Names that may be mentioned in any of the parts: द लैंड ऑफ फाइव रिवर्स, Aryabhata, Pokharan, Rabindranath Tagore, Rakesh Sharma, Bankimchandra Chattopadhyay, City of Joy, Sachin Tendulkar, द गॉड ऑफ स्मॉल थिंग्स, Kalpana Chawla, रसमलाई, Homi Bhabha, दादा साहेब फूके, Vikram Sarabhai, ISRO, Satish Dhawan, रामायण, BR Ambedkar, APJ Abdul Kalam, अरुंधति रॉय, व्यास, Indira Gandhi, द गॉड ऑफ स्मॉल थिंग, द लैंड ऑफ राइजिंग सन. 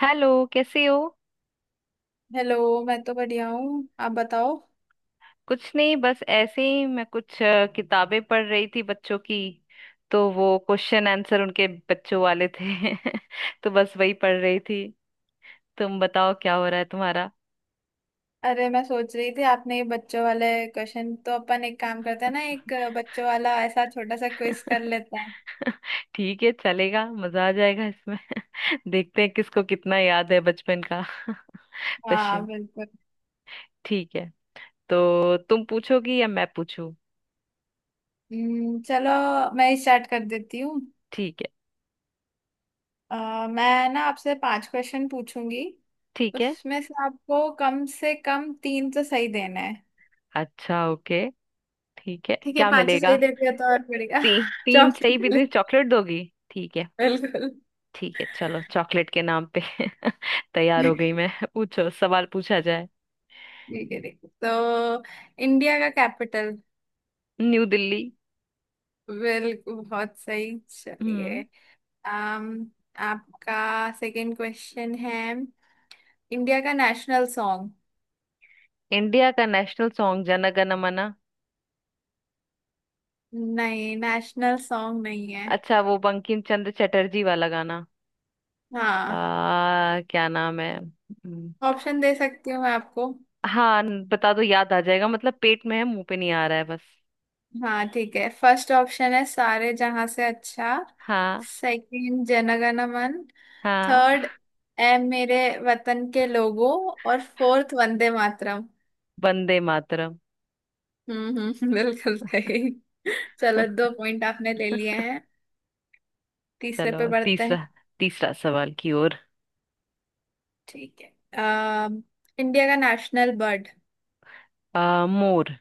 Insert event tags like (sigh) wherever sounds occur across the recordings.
Hello. कैसे हो। Hello. मैं तो बढ़िया हूँ, आप बताओ। कुछ नहीं, बस ऐसे ही मैं कुछ किताबें पढ़ रही थी बच्चों की। तो वो क्वेश्चन आंसर उनके बच्चों वाले थे। (laughs) तो बस वही पढ़ रही थी। तुम बताओ क्या हो रहा है तुम्हारा। अरे, मैं सोच रही थी आपने ये बच्चों वाले क्वेश्चन, तो अपन एक काम करते हैं ना, एक बच्चों वाला ऐसा छोटा सा क्विज कर लेते हैं। (laughs) ठीक है, चलेगा, मजा आ जाएगा इसमें। (laughs) देखते हैं किसको कितना याद है बचपन का। (laughs) हाँ, क्वेश्चन। बिल्कुल। ठीक है, तो तुम पूछोगी या मैं पूछूं। चलो, मैं स्टार्ट कर देती हूँ। ठीक है। मैं ना आपसे पांच क्वेश्चन पूछूंगी। ठीक है। उसमें से आपको कम से कम तीन तो सही देना है। अच्छा, ओके। ठीक है, ठीक है, क्या पांचों सही मिलेगा। देते हैं तो और बढ़िया। ती, (laughs) तीन चौक सही बिल्कुल। भी चॉकलेट दोगी। ठीक है। ठीक है, चलो चॉकलेट के नाम पे। (laughs) तैयार हो गई मैं, पूछो, सवाल पूछा जाए। ठीक है ठीक है। तो इंडिया का कैपिटल। न्यू दिल्ली। बिल्कुल, बहुत सही, चलिए। हम्म। um, आपका सेकंड क्वेश्चन है, इंडिया का नेशनल सॉन्ग। इंडिया का नेशनल सॉन्ग जन गण मन। नहीं, नेशनल सॉन्ग नहीं है। अच्छा, वो बंकिम चंद्र चटर्जी वाला गाना। हाँ, क्या नाम है। ऑप्शन दे सकती हूँ मैं आपको। हाँ, बता दो, याद आ जाएगा, मतलब पेट में है मुंह पे नहीं आ रहा है बस। हाँ ठीक है, फर्स्ट ऑप्शन है सारे जहां से अच्छा, हाँ। सेकंड जनगण मन, हाँ। थर्ड ए मेरे वतन के लोगों, और फोर्थ वंदे मातरम। वंदे मातरम। हम्म, हम्म, (laughs) बिल्कुल सही। चलो, दो पॉइंट आपने ले लिए हैं, तीसरे चलो पे बढ़ते हैं। तीसरा। तीसरा सवाल की ओर। ठीक है। अम, इंडिया का नेशनल बर्ड। मोर।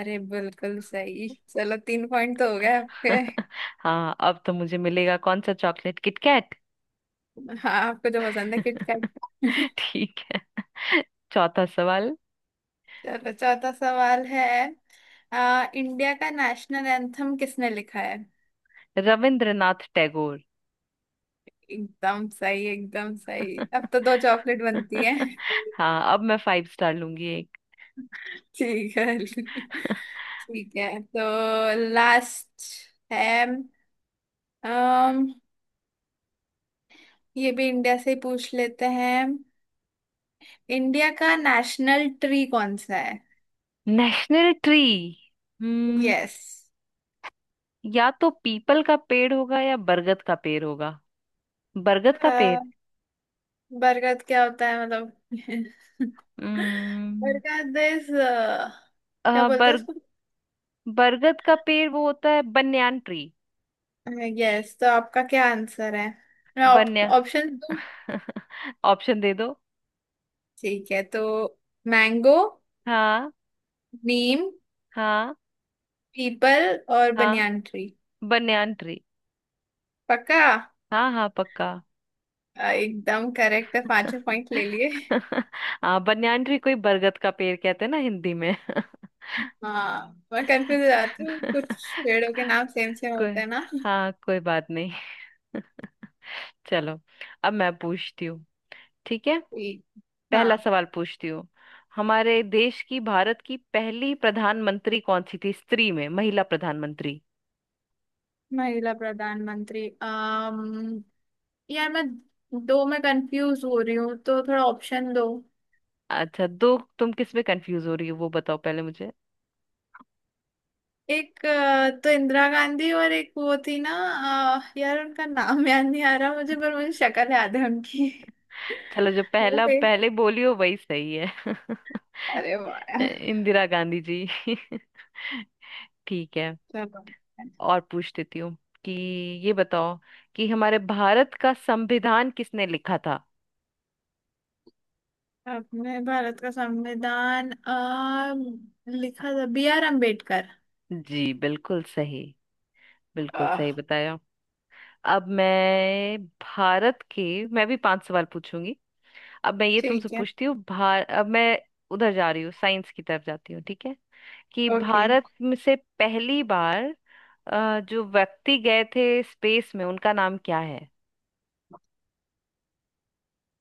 अरे बिल्कुल सही। चलो, तीन पॉइंट तो हो गए आपके। (laughs) हाँ, अब तो मुझे मिलेगा कौन सा चॉकलेट, किटकैट। हाँ, आपको जो पसंद है (laughs) किटकैट। (laughs) ठीक है। चौथा सवाल। चलो, चौथा सवाल है। इंडिया का नेशनल एंथम किसने लिखा है। रविंद्रनाथ टैगोर। एकदम सही, एकदम सही, अब तो दो (laughs) चॉकलेट बनती है। (laughs) हाँ, अब मैं फाइव स्टार लूंगी एक। ठीक है (laughs) ठीक है। तो लास्ट है। अम ये भी इंडिया से ही पूछ लेते हैं। इंडिया का नेशनल ट्री कौन सा है। National tree. हम्म। यस। या तो पीपल का पेड़ होगा या बरगद का पेड़ होगा। बरगद का पेड़। बरगद क्या होता है मतलब। (laughs) हम्म। बरगद इज, अ, क्या बोलते हैं बर उसको। बरगद का पेड़ वो होता है बन्यान ट्री। यस, तो आपका क्या आंसर है। मैं बन्या ऑप्शन दूं। (laughs) ऑप्शन दे दो। ठीक है, तो मैंगो, हाँ। नीम, हाँ। पीपल और हाँ बनियान ट्री। Banyan tree. पक्का। हाँ हाँ पक्का। एकदम करेक्ट है, पांचों पॉइंट ले लिए। (laughs) हाँ, बन्यान ट्री कोई बरगद का पेड़ कहते हैं ना हिंदी में। (laughs) हाँ, मैं कंफ्यूज हो जाती हूँ, कुछ पेड़ों के नाम सेम सेम होते कोई, हैं ना। हाँ कोई बात नहीं। (laughs) चलो, अब मैं पूछती हूँ। ठीक है। ठीक। पहला हाँ। सवाल पूछती हूँ। हमारे देश की, भारत की, पहली प्रधानमंत्री कौन सी थी, स्त्री में, महिला प्रधानमंत्री। महिला प्रधानमंत्री। यार मैं दो में कंफ्यूज हो रही हूँ, तो थोड़ा ऑप्शन दो। अच्छा, दो, तुम किस में कंफ्यूज हो रही हो वो बताओ पहले मुझे। एक तो इंदिरा गांधी, और एक वो थी ना। यार, उनका नाम (laughs) याद नहीं आ रहा मुझे, पर मुझे शक्ल याद है उनकी। (laughs) चलो, जो वो पहला थे। पहले बोली हो वही सही है। अरे वाह (laughs) यार। इंदिरा गांधी जी। (laughs) ठीक है, चलो। और पूछ देती हूँ कि ये बताओ कि हमारे भारत का संविधान किसने लिखा था। अपने भारत का संविधान लिखा था बी आर अम्बेडकर। जी बिल्कुल सही। बिल्कुल सही आह। बताया। अब मैं भारत के, मैं भी 5 सवाल पूछूंगी। अब मैं ये तुमसे ठीक है, पूछती हूँ। भार अब मैं उधर जा रही हूँ, साइंस की तरफ जाती हूँ, ठीक है। कि ओके। भारत में से पहली बार जो व्यक्ति गए थे स्पेस में, उनका नाम क्या है।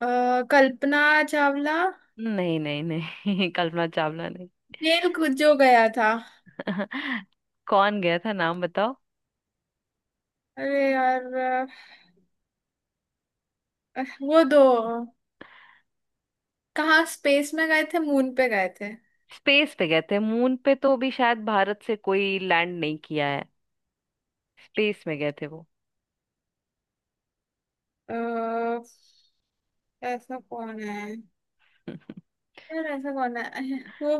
अ, कल्पना चावला। नहीं नहीं नहीं, (laughs) कल्पना चावला नहीं। जेल जो गया था। (laughs) कौन गया था, नाम बताओ। अरे यार। वो दो, कहाँ स्पेस में गए थे, मून पे गए थे। स्पेस पे गए थे, मून पे तो अभी शायद भारत से कोई लैंड नहीं किया है। स्पेस में गए थे वो। अ, ऐसा कौन है। (laughs) यार ऐसा कौन है, वो।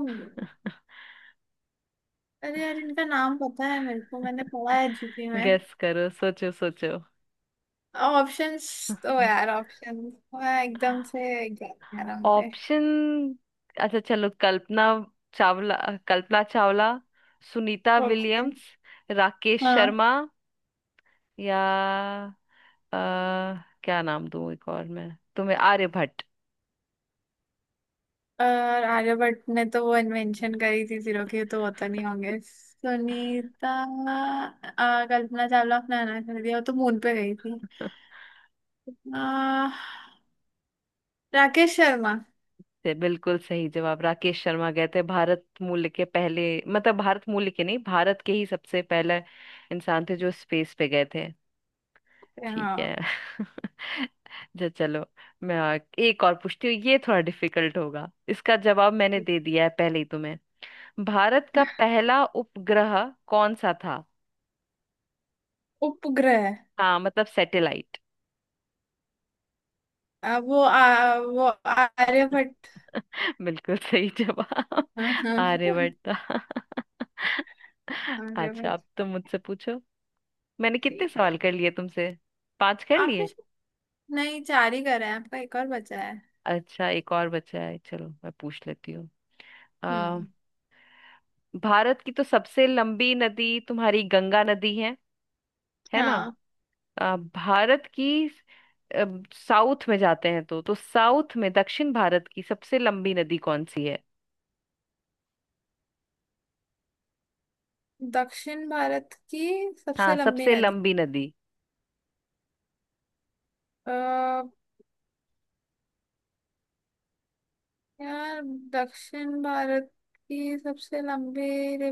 अरे यार, इनका नाम पता है मेरे को, मैंने पढ़ा है जीके में। गेस करो, सोचो सोचो। ऑप्शंस, तो यार ऑप्शन एकदम से गया यार हमसे। ऑप्शन, अच्छा चलो। कल्पना चावला। कल्पना चावला, सुनीता ओके। विलियम्स, राकेश हाँ। शर्मा, या अ, क्या नाम दूं एक और मैं तुम्हें, आर्यभट्ट। और आर्यभट्ट ने तो वो इन्वेंशन करी थी जीरो की, तो होता नहीं, होंगे सुनीता। कल्पना चावला अपना अनाथ कर दिया, वो तो मून पे गई थी। (laughs) आ, राकेश शर्मा। से बिल्कुल सही जवाब, राकेश शर्मा गए थे, भारत मूल के पहले, मतलब भारत मूल के नहीं, भारत के ही सबसे पहले इंसान थे जो स्पेस पे गए थे। ठीक है। हाँ। (laughs) जो चलो, एक और पूछती हूँ, ये थोड़ा डिफिकल्ट होगा, इसका जवाब मैंने दे दिया है पहले ही तुम्हें। भारत का पहला उपग्रह कौन सा था। उपग्रह। हाँ, मतलब सैटेलाइट। वो आर्यभट्ट। (laughs) बिल्कुल सही जवाब, हाँ, हाँ, हाँ। आर्यभट्ट था। (laughs) अच्छा, अब आर्यभट्ट। तुम मुझसे पूछो। मैंने कितने ठीक है। सवाल कर लिए तुमसे। 5 कर आपने लिए। शायद-। नहीं, चार ही करा है आपका, एक और बचा है। अच्छा, एक और बचा है, चलो मैं पूछ लेती हूँ। आ, हम्म। भारत की तो सबसे लंबी नदी तुम्हारी गंगा नदी है ना। हाँ। आ, भारत की अ, साउथ में जाते हैं तो, साउथ में, दक्षिण भारत की सबसे लंबी नदी कौन सी है। दक्षिण भारत की हाँ, सबसे लंबी सबसे नदी। लंबी नदी। आ, यार, दक्षिण भारत की सबसे लंबी रि-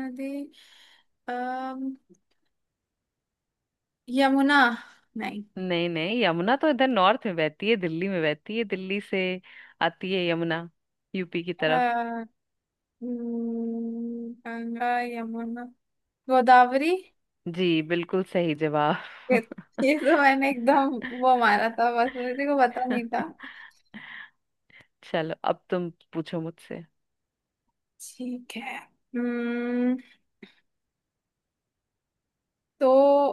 नदी। आ, यमुना? नहीं। नहीं नहीं, यमुना तो इधर नॉर्थ में बहती है, दिल्ली में बहती है, दिल्ली से आती है यमुना, यूपी की तरफ। गंगा, यमुना, गोदावरी। जी बिल्कुल सही जवाब। ये, (laughs) तो मैंने एकदम वो मारा था, बस मेरे को पता नहीं था। चलो, अब तुम पूछो मुझसे। ठीक है। तो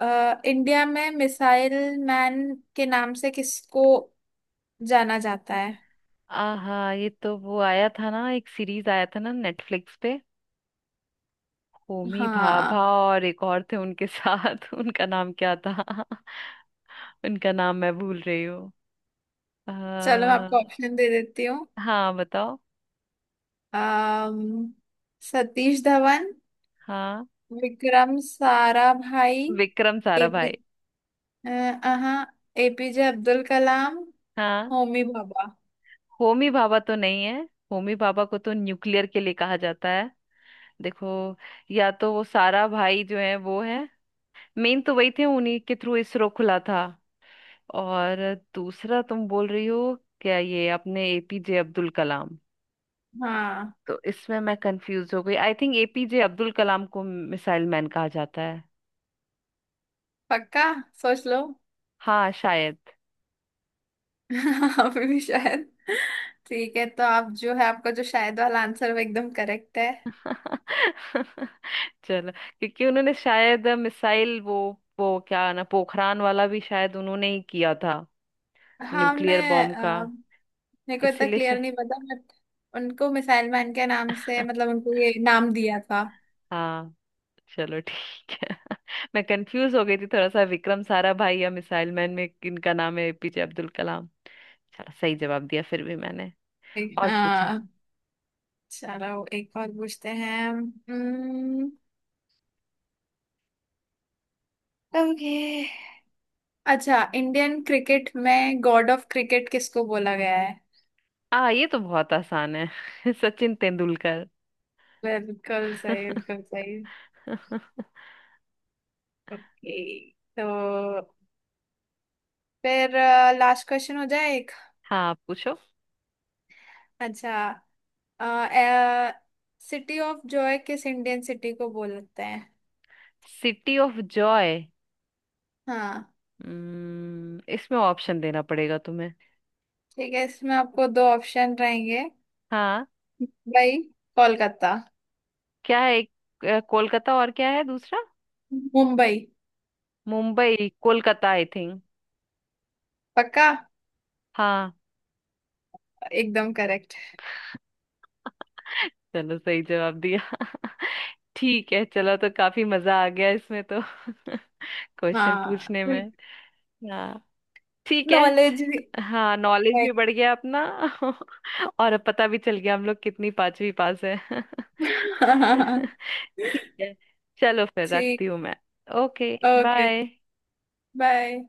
इंडिया में मिसाइल मैन के नाम से किसको जाना जाता है। आहा, ये तो वो आया था ना, एक सीरीज आया था ना नेटफ्लिक्स पे, होमी भाभा हाँ। और एक और थे उनके साथ। (laughs) उनका नाम क्या था। (laughs) उनका नाम मैं भूल रही हूँ। चलो, मैं आ, आपको ऑप्शन दे देती हूँ। हाँ बताओ। अम्म, सतीश धवन, हाँ, विक्रम साराभाई, विक्रम एपी साराभाई। हाँ, एपीजे अब्दुल कलाम, हाँ। होमी भाभा। होमी भाभा तो नहीं है, होमी भाभा को तो न्यूक्लियर के लिए कहा जाता है। देखो, या तो वो सारा भाई जो है वो है, मेन तो वही थे, उन्हीं के थ्रू इसरो खुला था। और दूसरा तुम बोल रही हो क्या, ये अपने एपीजे अब्दुल कलाम। हाँ, तो इसमें मैं कंफ्यूज हो गई, I think APJ Abdul Kalam को मिसाइल मैन कहा जाता है। पक्का? सोच लो। हाँ शायद। (laughs) अभी भी शायद। ठीक है, तो आप जो है, आपका जो शायद वाला आंसर, वो एकदम करेक्ट है। (laughs) चलो, क्योंकि उन्होंने शायद मिसाइल, वो क्या ना, पोखरान वाला भी शायद उन्होंने ही किया था, हाँ, हमने। न्यूक्लियर बॉम्ब का, अ, मेरे को इतना इसीलिए क्लियर नहीं पता, बट उनको मिसाइल मैन के नाम से, मतलब उनको ये नाम दिया था। शायद। चलो ठीक है। (laughs) मैं कंफ्यूज हो गई थी थोड़ा सा, विक्रम साराभाई या मिसाइल मैन में किनका नाम है, एपीजे अब्दुल कलाम। चलो, सही जवाब दिया फिर भी मैंने, और पूछा। हाँ। चलो, एक और पूछते हैं। ओके। अच्छा, इंडियन क्रिकेट में गॉड ऑफ क्रिकेट किसको बोला गया है। आ, ये तो बहुत आसान है। (laughs) सचिन तेंदुलकर। बिल्कुल सही, बिल्कुल सही। (laughs) ओके, तो फिर लास्ट क्वेश्चन हो जाए एक। हाँ आप पूछो। अच्छा, सिटी ऑफ जॉय किस इंडियन सिटी को बोलते हैं। City of joy. हाँ। हम्म, इसमें ऑप्शन देना पड़ेगा तुम्हें। ठीक है, इसमें आपको दो ऑप्शन रहेंगे। हाँ, मुंबई, कोलकाता। क्या है एक, कोलकाता, और क्या है दूसरा। मुंबई। Mumbai Kolkata, I think. पक्का। हाँ। एकदम करेक्ट। चलो, सही जवाब दिया। (laughs) ठीक है, चलो, तो काफी मजा आ गया इसमें तो। (laughs) क्वेश्चन हाँ, पूछने में। बिल्कुल। हाँ। ठीक है। नॉलेज भी हाँ, नॉलेज है। भी बढ़ गया अपना। (laughs) और अब पता भी चल गया हम लोग कितनी पांचवी पास है। (laughs) (laughs) ठीक है, चलो फिर रखती ठीक। हूँ मैं। ओके। ओके। बाय। बाय।